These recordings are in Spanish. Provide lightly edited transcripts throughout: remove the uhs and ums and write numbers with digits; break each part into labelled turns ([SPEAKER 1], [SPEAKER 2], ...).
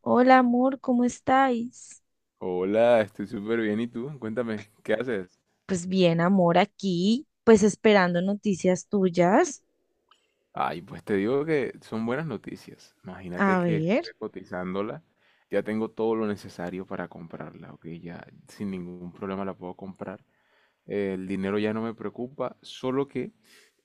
[SPEAKER 1] Hola amor, ¿cómo estáis?
[SPEAKER 2] Hola, estoy súper bien. ¿Y tú? Cuéntame, ¿qué haces?
[SPEAKER 1] Pues bien, amor, aquí, pues esperando noticias tuyas.
[SPEAKER 2] Ay, pues te digo que son buenas noticias. Imagínate
[SPEAKER 1] A
[SPEAKER 2] que
[SPEAKER 1] ver,
[SPEAKER 2] estoy cotizándola. Ya tengo todo lo necesario para comprarla, ¿ok? Ya sin ningún problema la puedo comprar. El dinero ya no me preocupa, solo que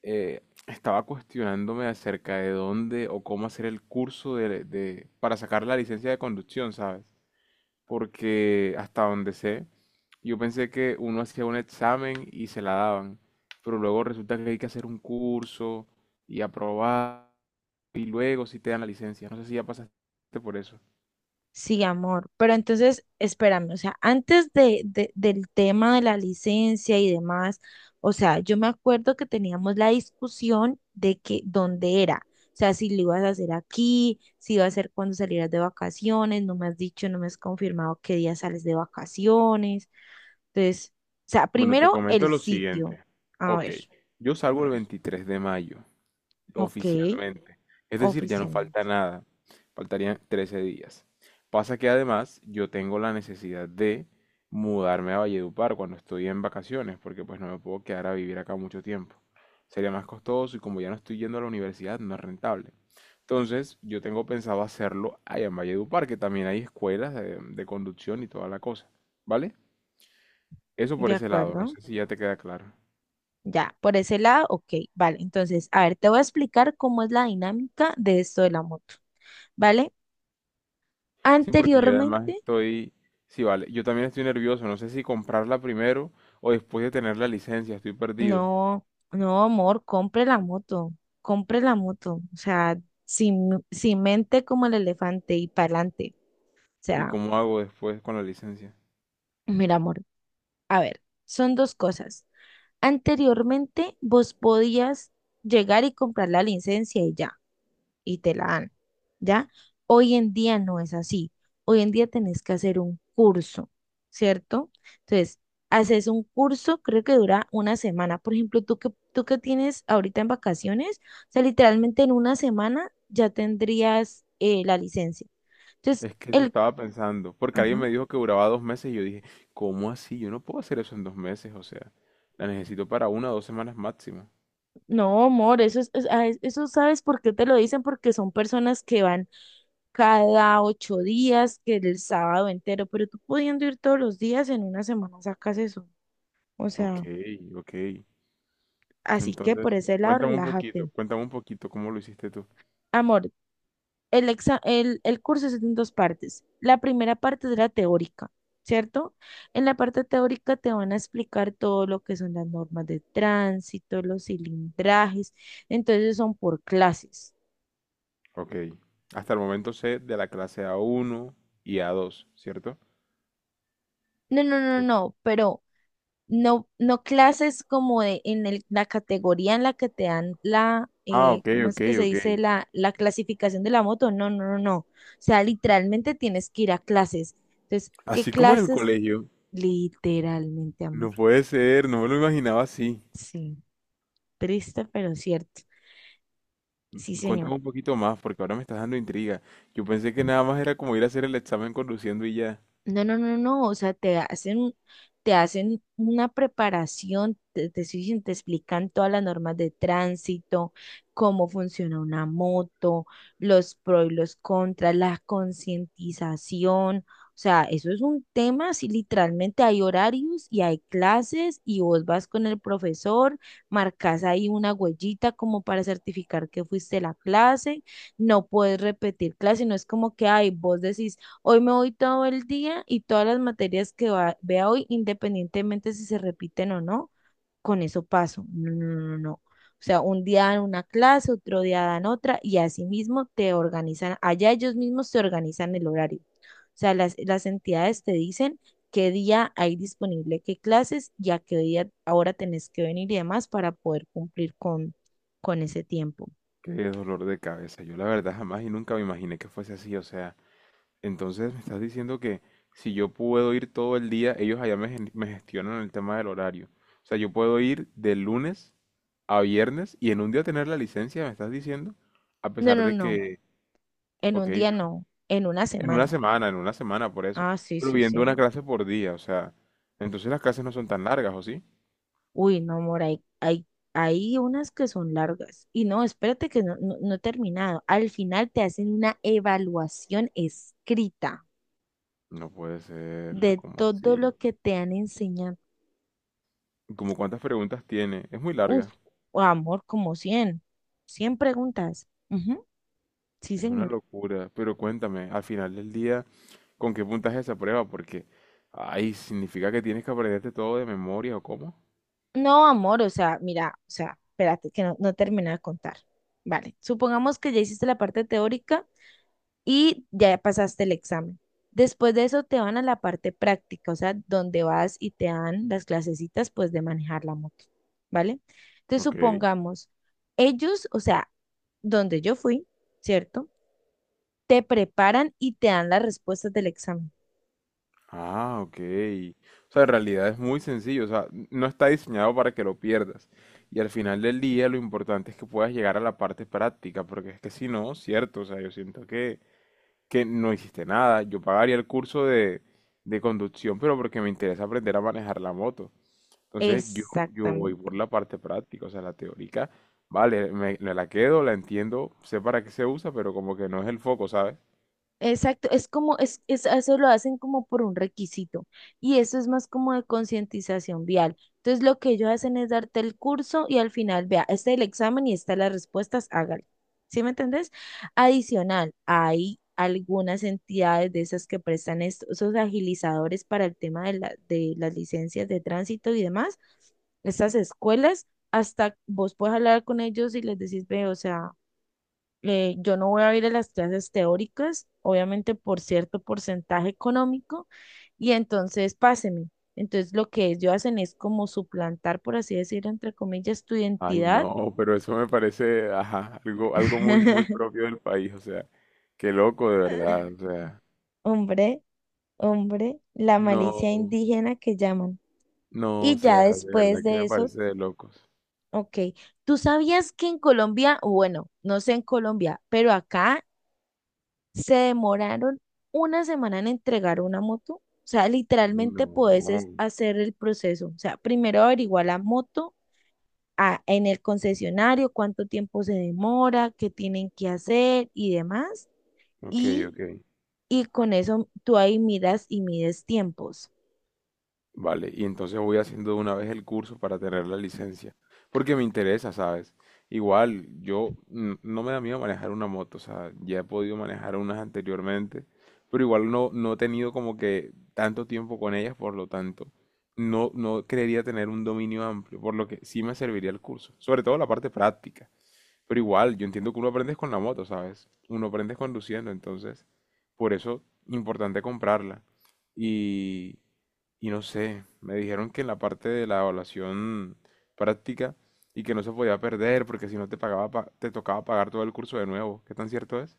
[SPEAKER 2] eh, estaba cuestionándome acerca de dónde o cómo hacer el curso para sacar la licencia de conducción, ¿sabes? Porque hasta donde sé, yo pensé que uno hacía un examen y se la daban, pero luego resulta que hay que hacer un curso y aprobar y luego si te dan la licencia. No sé si ya pasaste por eso.
[SPEAKER 1] sí, amor, pero entonces espérame, o sea, antes del tema de la licencia y demás, o sea, yo me acuerdo que teníamos la discusión de que dónde era, o sea, si lo ibas a hacer aquí, si iba a ser cuando salieras de vacaciones, no me has dicho, no me has confirmado qué día sales de vacaciones. Entonces, o sea,
[SPEAKER 2] Bueno, te
[SPEAKER 1] primero
[SPEAKER 2] comento
[SPEAKER 1] el
[SPEAKER 2] lo
[SPEAKER 1] sitio.
[SPEAKER 2] siguiente.
[SPEAKER 1] A
[SPEAKER 2] Ok,
[SPEAKER 1] ver.
[SPEAKER 2] yo
[SPEAKER 1] A
[SPEAKER 2] salgo el
[SPEAKER 1] ver,
[SPEAKER 2] 23 de mayo.
[SPEAKER 1] ok,
[SPEAKER 2] Oficialmente. Es decir, ya no falta
[SPEAKER 1] oficialmente.
[SPEAKER 2] nada. Faltarían 13 días. Pasa que además yo tengo la necesidad de mudarme a Valledupar cuando estoy en vacaciones, porque pues no me puedo quedar a vivir acá mucho tiempo. Sería más costoso y como ya no estoy yendo a la universidad, no es rentable. Entonces, yo tengo pensado hacerlo allá en Valledupar, que también hay escuelas de conducción y toda la cosa. ¿Vale? Eso
[SPEAKER 1] De
[SPEAKER 2] por ese lado, no
[SPEAKER 1] acuerdo.
[SPEAKER 2] sé si ya te queda claro.
[SPEAKER 1] Ya, por ese lado, ok, vale. Entonces, a ver, te voy a explicar cómo es la dinámica de esto de la moto, ¿vale?
[SPEAKER 2] Sí, porque yo además
[SPEAKER 1] Anteriormente,
[SPEAKER 2] estoy, sí, vale, yo también estoy nervioso, no sé si comprarla primero o después de tener la licencia, estoy perdido.
[SPEAKER 1] no, no, amor, compre la moto, compre la moto. O sea, sin mente como el elefante y para adelante. O
[SPEAKER 2] ¿Y
[SPEAKER 1] sea,
[SPEAKER 2] cómo hago después con la licencia?
[SPEAKER 1] mira, amor, a ver, son dos cosas. Anteriormente, vos podías llegar y comprar la licencia y ya. Y te la dan, ¿ya? Hoy en día no es así. Hoy en día tenés que hacer un curso, ¿cierto? Entonces, haces un curso, creo que dura una semana. Por ejemplo, tú que tienes ahorita en vacaciones, o sea, literalmente en una semana ya tendrías la licencia. Entonces,
[SPEAKER 2] Es que eso estaba pensando, porque alguien
[SPEAKER 1] ajá.
[SPEAKER 2] me dijo que duraba dos meses y yo dije, ¿cómo así? Yo no puedo hacer eso en dos meses, o sea, la necesito para una o dos semanas máximo.
[SPEAKER 1] No, amor, eso es- ah, es- eso sabes por qué te lo dicen, porque son personas que van cada 8 días, que el sábado entero, pero tú pudiendo ir todos los días, en una semana sacas eso. O
[SPEAKER 2] Ok,
[SPEAKER 1] sea,
[SPEAKER 2] ok.
[SPEAKER 1] así que por
[SPEAKER 2] Entonces,
[SPEAKER 1] ese lado, relájate.
[SPEAKER 2] cuéntame un poquito cómo lo hiciste tú.
[SPEAKER 1] Amor, el curso es en dos partes. La primera parte es la teórica, ¿cierto? En la parte teórica te van a explicar todo lo que son las normas de tránsito, los cilindrajes. Entonces son por clases.
[SPEAKER 2] Ok, hasta el momento sé de la clase a uno y a dos, ¿cierto?
[SPEAKER 1] No, no, no,
[SPEAKER 2] Sí.
[SPEAKER 1] no, pero no, no clases como la categoría en la que te dan la,
[SPEAKER 2] Ah,
[SPEAKER 1] ¿cómo es que se
[SPEAKER 2] ok.
[SPEAKER 1] dice? La clasificación de la moto. No, no, no, no. O sea, literalmente tienes que ir a clases. Entonces, ¿qué
[SPEAKER 2] Así como en el
[SPEAKER 1] clases?
[SPEAKER 2] colegio,
[SPEAKER 1] Literalmente, amor.
[SPEAKER 2] no puede ser, no me lo imaginaba así.
[SPEAKER 1] Sí, triste, pero cierto. Sí, señor.
[SPEAKER 2] Cuéntame un poquito más, porque ahora me estás dando intriga. Yo pensé que nada más era como ir a hacer el examen conduciendo y ya.
[SPEAKER 1] No, no, no, no, o sea, te hacen una preparación, te explican todas las normas de tránsito, cómo funciona una moto, los pros y los contras, la concientización, o sea, eso es un tema, si literalmente hay horarios y hay clases y vos vas con el profesor, marcas ahí una huellita como para certificar que fuiste a la clase, no puedes repetir clase, no es como que, ay, vos decís hoy me voy todo el día y todas las materias que vea hoy, independientemente si se repiten o no, con eso paso. No, no, no, no, no. O sea, un día dan una clase, otro día dan otra y así mismo te organizan, allá ellos mismos te organizan el horario. O sea, las entidades te dicen qué día hay disponible qué clases y a qué día ahora tenés que venir y demás para poder cumplir con ese tiempo.
[SPEAKER 2] Qué dolor de cabeza. Yo la verdad jamás y nunca me imaginé que fuese así. O sea, entonces me estás diciendo que si yo puedo ir todo el día, ellos allá me gestionan el tema del horario. O sea, yo puedo ir de lunes a viernes y en un día tener la licencia, me estás diciendo, a
[SPEAKER 1] No,
[SPEAKER 2] pesar
[SPEAKER 1] no,
[SPEAKER 2] de
[SPEAKER 1] no,
[SPEAKER 2] que,
[SPEAKER 1] en
[SPEAKER 2] ok.
[SPEAKER 1] un día no, en una
[SPEAKER 2] En una
[SPEAKER 1] semana.
[SPEAKER 2] semana, por eso.
[SPEAKER 1] Ah, sí,
[SPEAKER 2] Pero
[SPEAKER 1] sí, sí.
[SPEAKER 2] viendo una clase por día, o sea, entonces las clases no son tan largas, ¿o sí?
[SPEAKER 1] Uy, no, amor, hay unas que son largas. Y no, espérate que no, no, no he terminado. Al final te hacen una evaluación escrita
[SPEAKER 2] ¿No puede ser,
[SPEAKER 1] de
[SPEAKER 2] como
[SPEAKER 1] todo
[SPEAKER 2] así?
[SPEAKER 1] lo que te han enseñado.
[SPEAKER 2] ¿Como cuántas preguntas tiene? Es muy
[SPEAKER 1] Uf,
[SPEAKER 2] larga,
[SPEAKER 1] amor, como cien preguntas. Ujú, sí,
[SPEAKER 2] es una
[SPEAKER 1] señor.
[SPEAKER 2] locura. Pero cuéntame, al final del día, ¿con qué puntaje esa prueba? Porque, ay, ¿significa que tienes que aprenderte todo de memoria o cómo?
[SPEAKER 1] No, amor, o sea, mira, o sea, espérate que no, no terminé de contar. Vale, supongamos que ya hiciste la parte teórica y ya pasaste el examen. Después de eso te van a la parte práctica, o sea, donde vas y te dan las clasecitas pues de manejar la moto, ¿vale? Entonces
[SPEAKER 2] Ok.
[SPEAKER 1] supongamos, ellos, o sea, donde yo fui, ¿cierto? Te preparan y te dan las respuestas del examen.
[SPEAKER 2] Ah, ok. O sea, en realidad es muy sencillo. O sea, no está diseñado para que lo pierdas. Y al final del día lo importante es que puedas llegar a la parte práctica, porque es que si no, cierto, o sea, yo siento que no hiciste nada. Yo pagaría el curso de conducción, pero porque me interesa aprender a manejar la moto. Entonces yo voy
[SPEAKER 1] Exactamente.
[SPEAKER 2] por la parte práctica, o sea, la teórica, vale, me la quedo, la entiendo, sé para qué se usa, pero como que no es el foco, ¿sabes?
[SPEAKER 1] Exacto, es como, eso lo hacen como por un requisito y eso es más como de concientización vial. Entonces lo que ellos hacen es darte el curso y al final, vea, este es el examen y estas las respuestas, hágale. ¿Sí me entendés? Adicional, hay algunas entidades de esas que prestan estos, esos agilizadores para el tema de las licencias de tránsito y demás, estas escuelas, hasta vos puedes hablar con ellos y les decís, ve, o sea yo no voy a ir a las clases teóricas, obviamente por cierto porcentaje económico, y entonces páseme. Entonces lo que ellos hacen es como suplantar, por así decirlo, entre comillas, tu
[SPEAKER 2] Ay,
[SPEAKER 1] identidad.
[SPEAKER 2] no, pero eso me parece, ajá, algo muy, muy propio del país, o sea, qué loco de verdad, o sea,
[SPEAKER 1] Hombre, hombre, la malicia
[SPEAKER 2] no,
[SPEAKER 1] indígena que llaman.
[SPEAKER 2] no, o
[SPEAKER 1] Y ya
[SPEAKER 2] sea, de verdad
[SPEAKER 1] después
[SPEAKER 2] que
[SPEAKER 1] de
[SPEAKER 2] me
[SPEAKER 1] eso,
[SPEAKER 2] parece de locos.
[SPEAKER 1] ok, ¿tú sabías que en Colombia, o bueno, no sé en Colombia, pero acá se demoraron una semana en entregar una moto? O sea,
[SPEAKER 2] Y
[SPEAKER 1] literalmente
[SPEAKER 2] no,
[SPEAKER 1] puedes es hacer el proceso. O sea, primero averiguar la moto en el concesionario, cuánto tiempo se demora, qué tienen que hacer y demás.
[SPEAKER 2] ok,
[SPEAKER 1] Y,
[SPEAKER 2] ok.
[SPEAKER 1] y con eso tú ahí miras y mides tiempos.
[SPEAKER 2] Vale, y entonces voy haciendo de una vez el curso para tener la licencia, porque me interesa, ¿sabes? Igual, yo no me da miedo manejar una moto, o sea, ya he podido manejar unas anteriormente, pero igual no, no he tenido como que tanto tiempo con ellas, por lo tanto, no creería tener un dominio amplio, por lo que sí me serviría el curso, sobre todo la parte práctica, pero igual, yo entiendo que uno aprende es con la moto, ¿sabes? Uno aprende es conduciendo, entonces, por eso, importante comprarla. Y, y no sé, me dijeron que en la parte de la evaluación práctica y que no se podía perder porque si no te pagaba, te tocaba pagar todo el curso de nuevo. ¿Qué tan cierto es?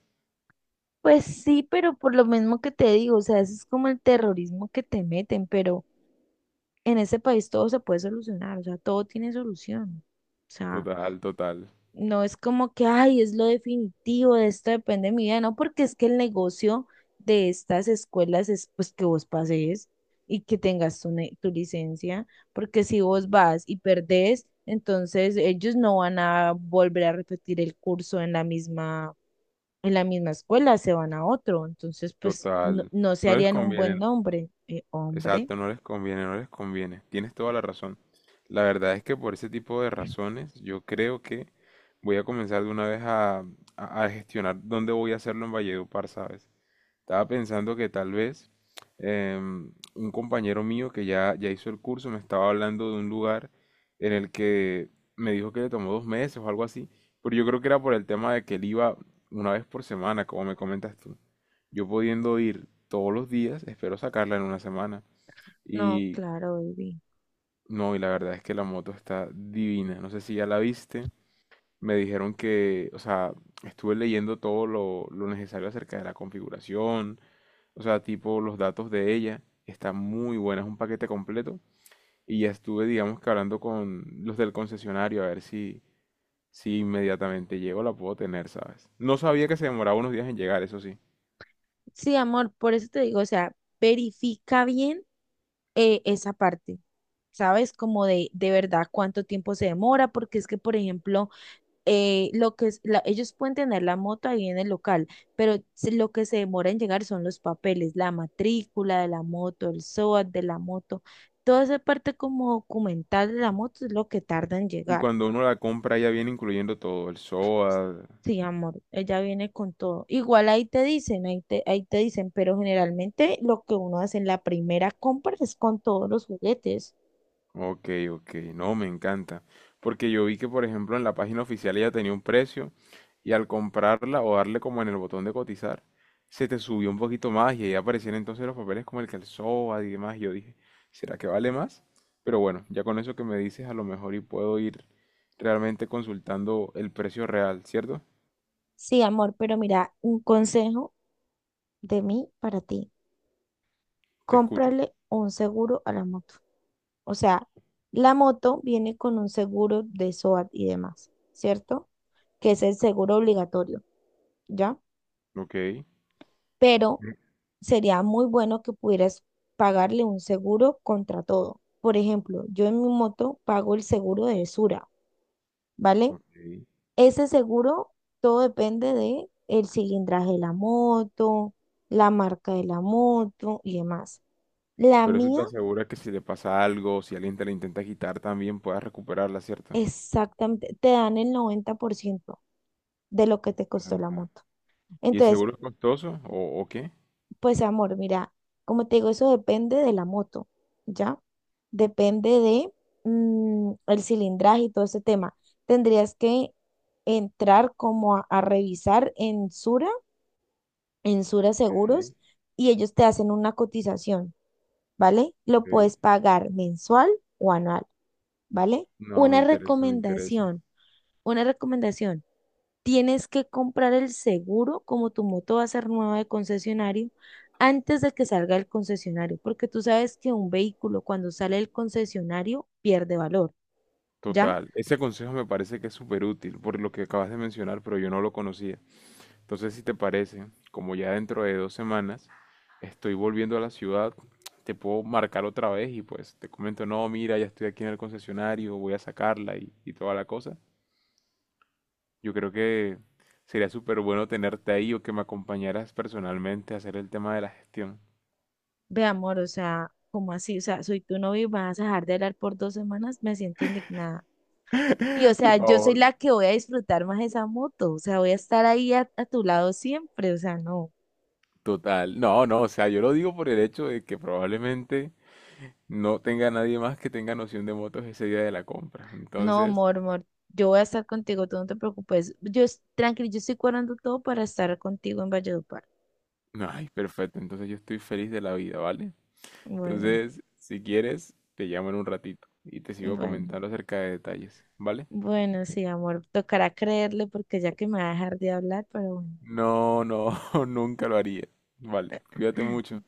[SPEAKER 1] Pues sí, pero por lo mismo que te digo, o sea, eso es como el terrorismo que te meten, pero en ese país todo se puede solucionar, o sea, todo tiene solución. O sea,
[SPEAKER 2] Total, total,
[SPEAKER 1] no es como que, ay, es lo definitivo, de esto depende de mi vida, no, porque es que el negocio de estas escuelas es pues que vos pases y que tengas tu licencia, porque si vos vas y perdés, entonces ellos no van a volver a repetir el curso en la misma escuela, se van a otro, entonces pues no,
[SPEAKER 2] total.
[SPEAKER 1] no se
[SPEAKER 2] No les
[SPEAKER 1] harían un buen
[SPEAKER 2] conviene.
[SPEAKER 1] nombre, hombre.
[SPEAKER 2] Exacto, no les conviene, no les conviene. Tienes toda la razón. La verdad es que por ese tipo de razones yo creo que voy a comenzar de una vez a gestionar dónde voy a hacerlo en Valledupar, ¿sabes? Estaba pensando que tal vez un compañero mío que ya hizo el curso me estaba hablando de un lugar en el que me dijo que le tomó dos meses o algo así, pero yo creo que era por el tema de que él iba una vez por semana, como me comentas tú. Yo pudiendo ir todos los días, espero sacarla en una semana.
[SPEAKER 1] No,
[SPEAKER 2] Y
[SPEAKER 1] claro, baby.
[SPEAKER 2] no, y la verdad es que la moto está divina. No sé si ya la viste. Me dijeron que, o sea, estuve leyendo todo lo necesario acerca de la configuración, o sea, tipo los datos de ella. Está muy buena, es un paquete completo. Y ya estuve, digamos que hablando con los del concesionario a ver si, si inmediatamente llego la puedo tener, ¿sabes? No sabía que se demoraba unos días en llegar, eso sí.
[SPEAKER 1] Sí, amor, por eso te digo, o sea, verifica bien esa parte, ¿sabes? Como de verdad cuánto tiempo se demora, porque es que, por ejemplo, lo que es ellos pueden tener la moto ahí en el local, pero lo que se demora en llegar son los papeles, la matrícula de la moto, el SOAT de la moto, toda esa parte como documental de la moto es lo que tarda en
[SPEAKER 2] Y
[SPEAKER 1] llegar.
[SPEAKER 2] cuando uno la compra ya viene incluyendo todo, el SOAT.
[SPEAKER 1] Sí, amor, ella viene con todo. Igual ahí te dicen, ahí te dicen, pero generalmente lo que uno hace en la primera compra es con todos los juguetes.
[SPEAKER 2] Ok, ok, no, me encanta. Porque yo vi que, por ejemplo, en la página oficial ella tenía un precio y al comprarla o darle como en el botón de cotizar, se te subió un poquito más y ahí aparecían entonces los papeles como el que el calzón y demás. Y yo dije, ¿será que vale más? Pero bueno, ya con eso que me dices, a lo mejor y puedo ir realmente consultando el precio real, ¿cierto?
[SPEAKER 1] Sí, amor, pero mira, un consejo de mí para ti.
[SPEAKER 2] Te escucho.
[SPEAKER 1] Cómprale un seguro a la moto. O sea, la moto viene con un seguro de SOAT y demás, ¿cierto? Que es el seguro obligatorio, ¿ya?
[SPEAKER 2] Ok,
[SPEAKER 1] Pero sería muy bueno que pudieras pagarle un seguro contra todo. Por ejemplo, yo en mi moto pago el seguro de Sura, ¿vale?
[SPEAKER 2] ok.
[SPEAKER 1] Ese seguro, todo depende de el cilindraje de la moto, la marca de la moto y demás. La
[SPEAKER 2] Pero eso te
[SPEAKER 1] mía,
[SPEAKER 2] asegura que si le pasa algo, si alguien te la intenta quitar, también puedas recuperarla, ¿cierto?
[SPEAKER 1] exactamente, te dan el 90% de lo que te costó la moto.
[SPEAKER 2] ¿Y el
[SPEAKER 1] Entonces,
[SPEAKER 2] seguro es costoso o qué?
[SPEAKER 1] pues amor, mira, como te digo, eso depende de la moto, ¿ya? Depende de el cilindraje y todo ese tema. Tendrías que entrar como a revisar en Sura
[SPEAKER 2] Ok,
[SPEAKER 1] Seguros y ellos te hacen una cotización, ¿vale? Lo
[SPEAKER 2] ok.
[SPEAKER 1] puedes pagar mensual o anual, ¿vale?
[SPEAKER 2] No, me
[SPEAKER 1] Una
[SPEAKER 2] interesa, me interesa.
[SPEAKER 1] recomendación, una recomendación. Tienes que comprar el seguro, como tu moto va a ser nueva de concesionario, antes de que salga el concesionario, porque tú sabes que un vehículo cuando sale del concesionario pierde valor, ¿ya?
[SPEAKER 2] Total. Ese consejo me parece que es súper útil por lo que acabas de mencionar, pero yo no lo conocía. Entonces, si te parece, como ya dentro de dos semanas estoy volviendo a la ciudad, te puedo marcar otra vez y pues te comento, no, mira, ya estoy aquí en el concesionario, voy a sacarla y toda la cosa. Yo creo que sería súper bueno tenerte ahí o que me acompañaras personalmente a hacer el tema de la gestión.
[SPEAKER 1] Ve, amor, o sea, como así? O sea, soy tu novio y vas a dejar de hablar por 2 semanas, me siento indignada. Y o
[SPEAKER 2] Por
[SPEAKER 1] sea, yo soy
[SPEAKER 2] favor.
[SPEAKER 1] la que voy a disfrutar más esa moto, o sea, voy a estar ahí a tu lado siempre, o sea, no,
[SPEAKER 2] Total, no, no, o sea, yo lo digo por el hecho de que probablemente no tenga nadie más que tenga noción de motos ese día de la compra.
[SPEAKER 1] no,
[SPEAKER 2] Entonces,
[SPEAKER 1] amor, amor, yo voy a estar contigo, tú no te preocupes, tranquilo, yo estoy cuadrando todo para estar contigo en Valledupar.
[SPEAKER 2] ay, perfecto, entonces yo estoy feliz de la vida, ¿vale?
[SPEAKER 1] Bueno,
[SPEAKER 2] Entonces, si quieres, te llamo en un ratito y te sigo
[SPEAKER 1] bueno,
[SPEAKER 2] comentando acerca de detalles, ¿vale?
[SPEAKER 1] bueno, sí, amor, tocará creerle porque ya que me va a dejar de hablar, pero
[SPEAKER 2] No, no, nunca lo haría, ¿vale? Cuídate
[SPEAKER 1] bueno.
[SPEAKER 2] mucho.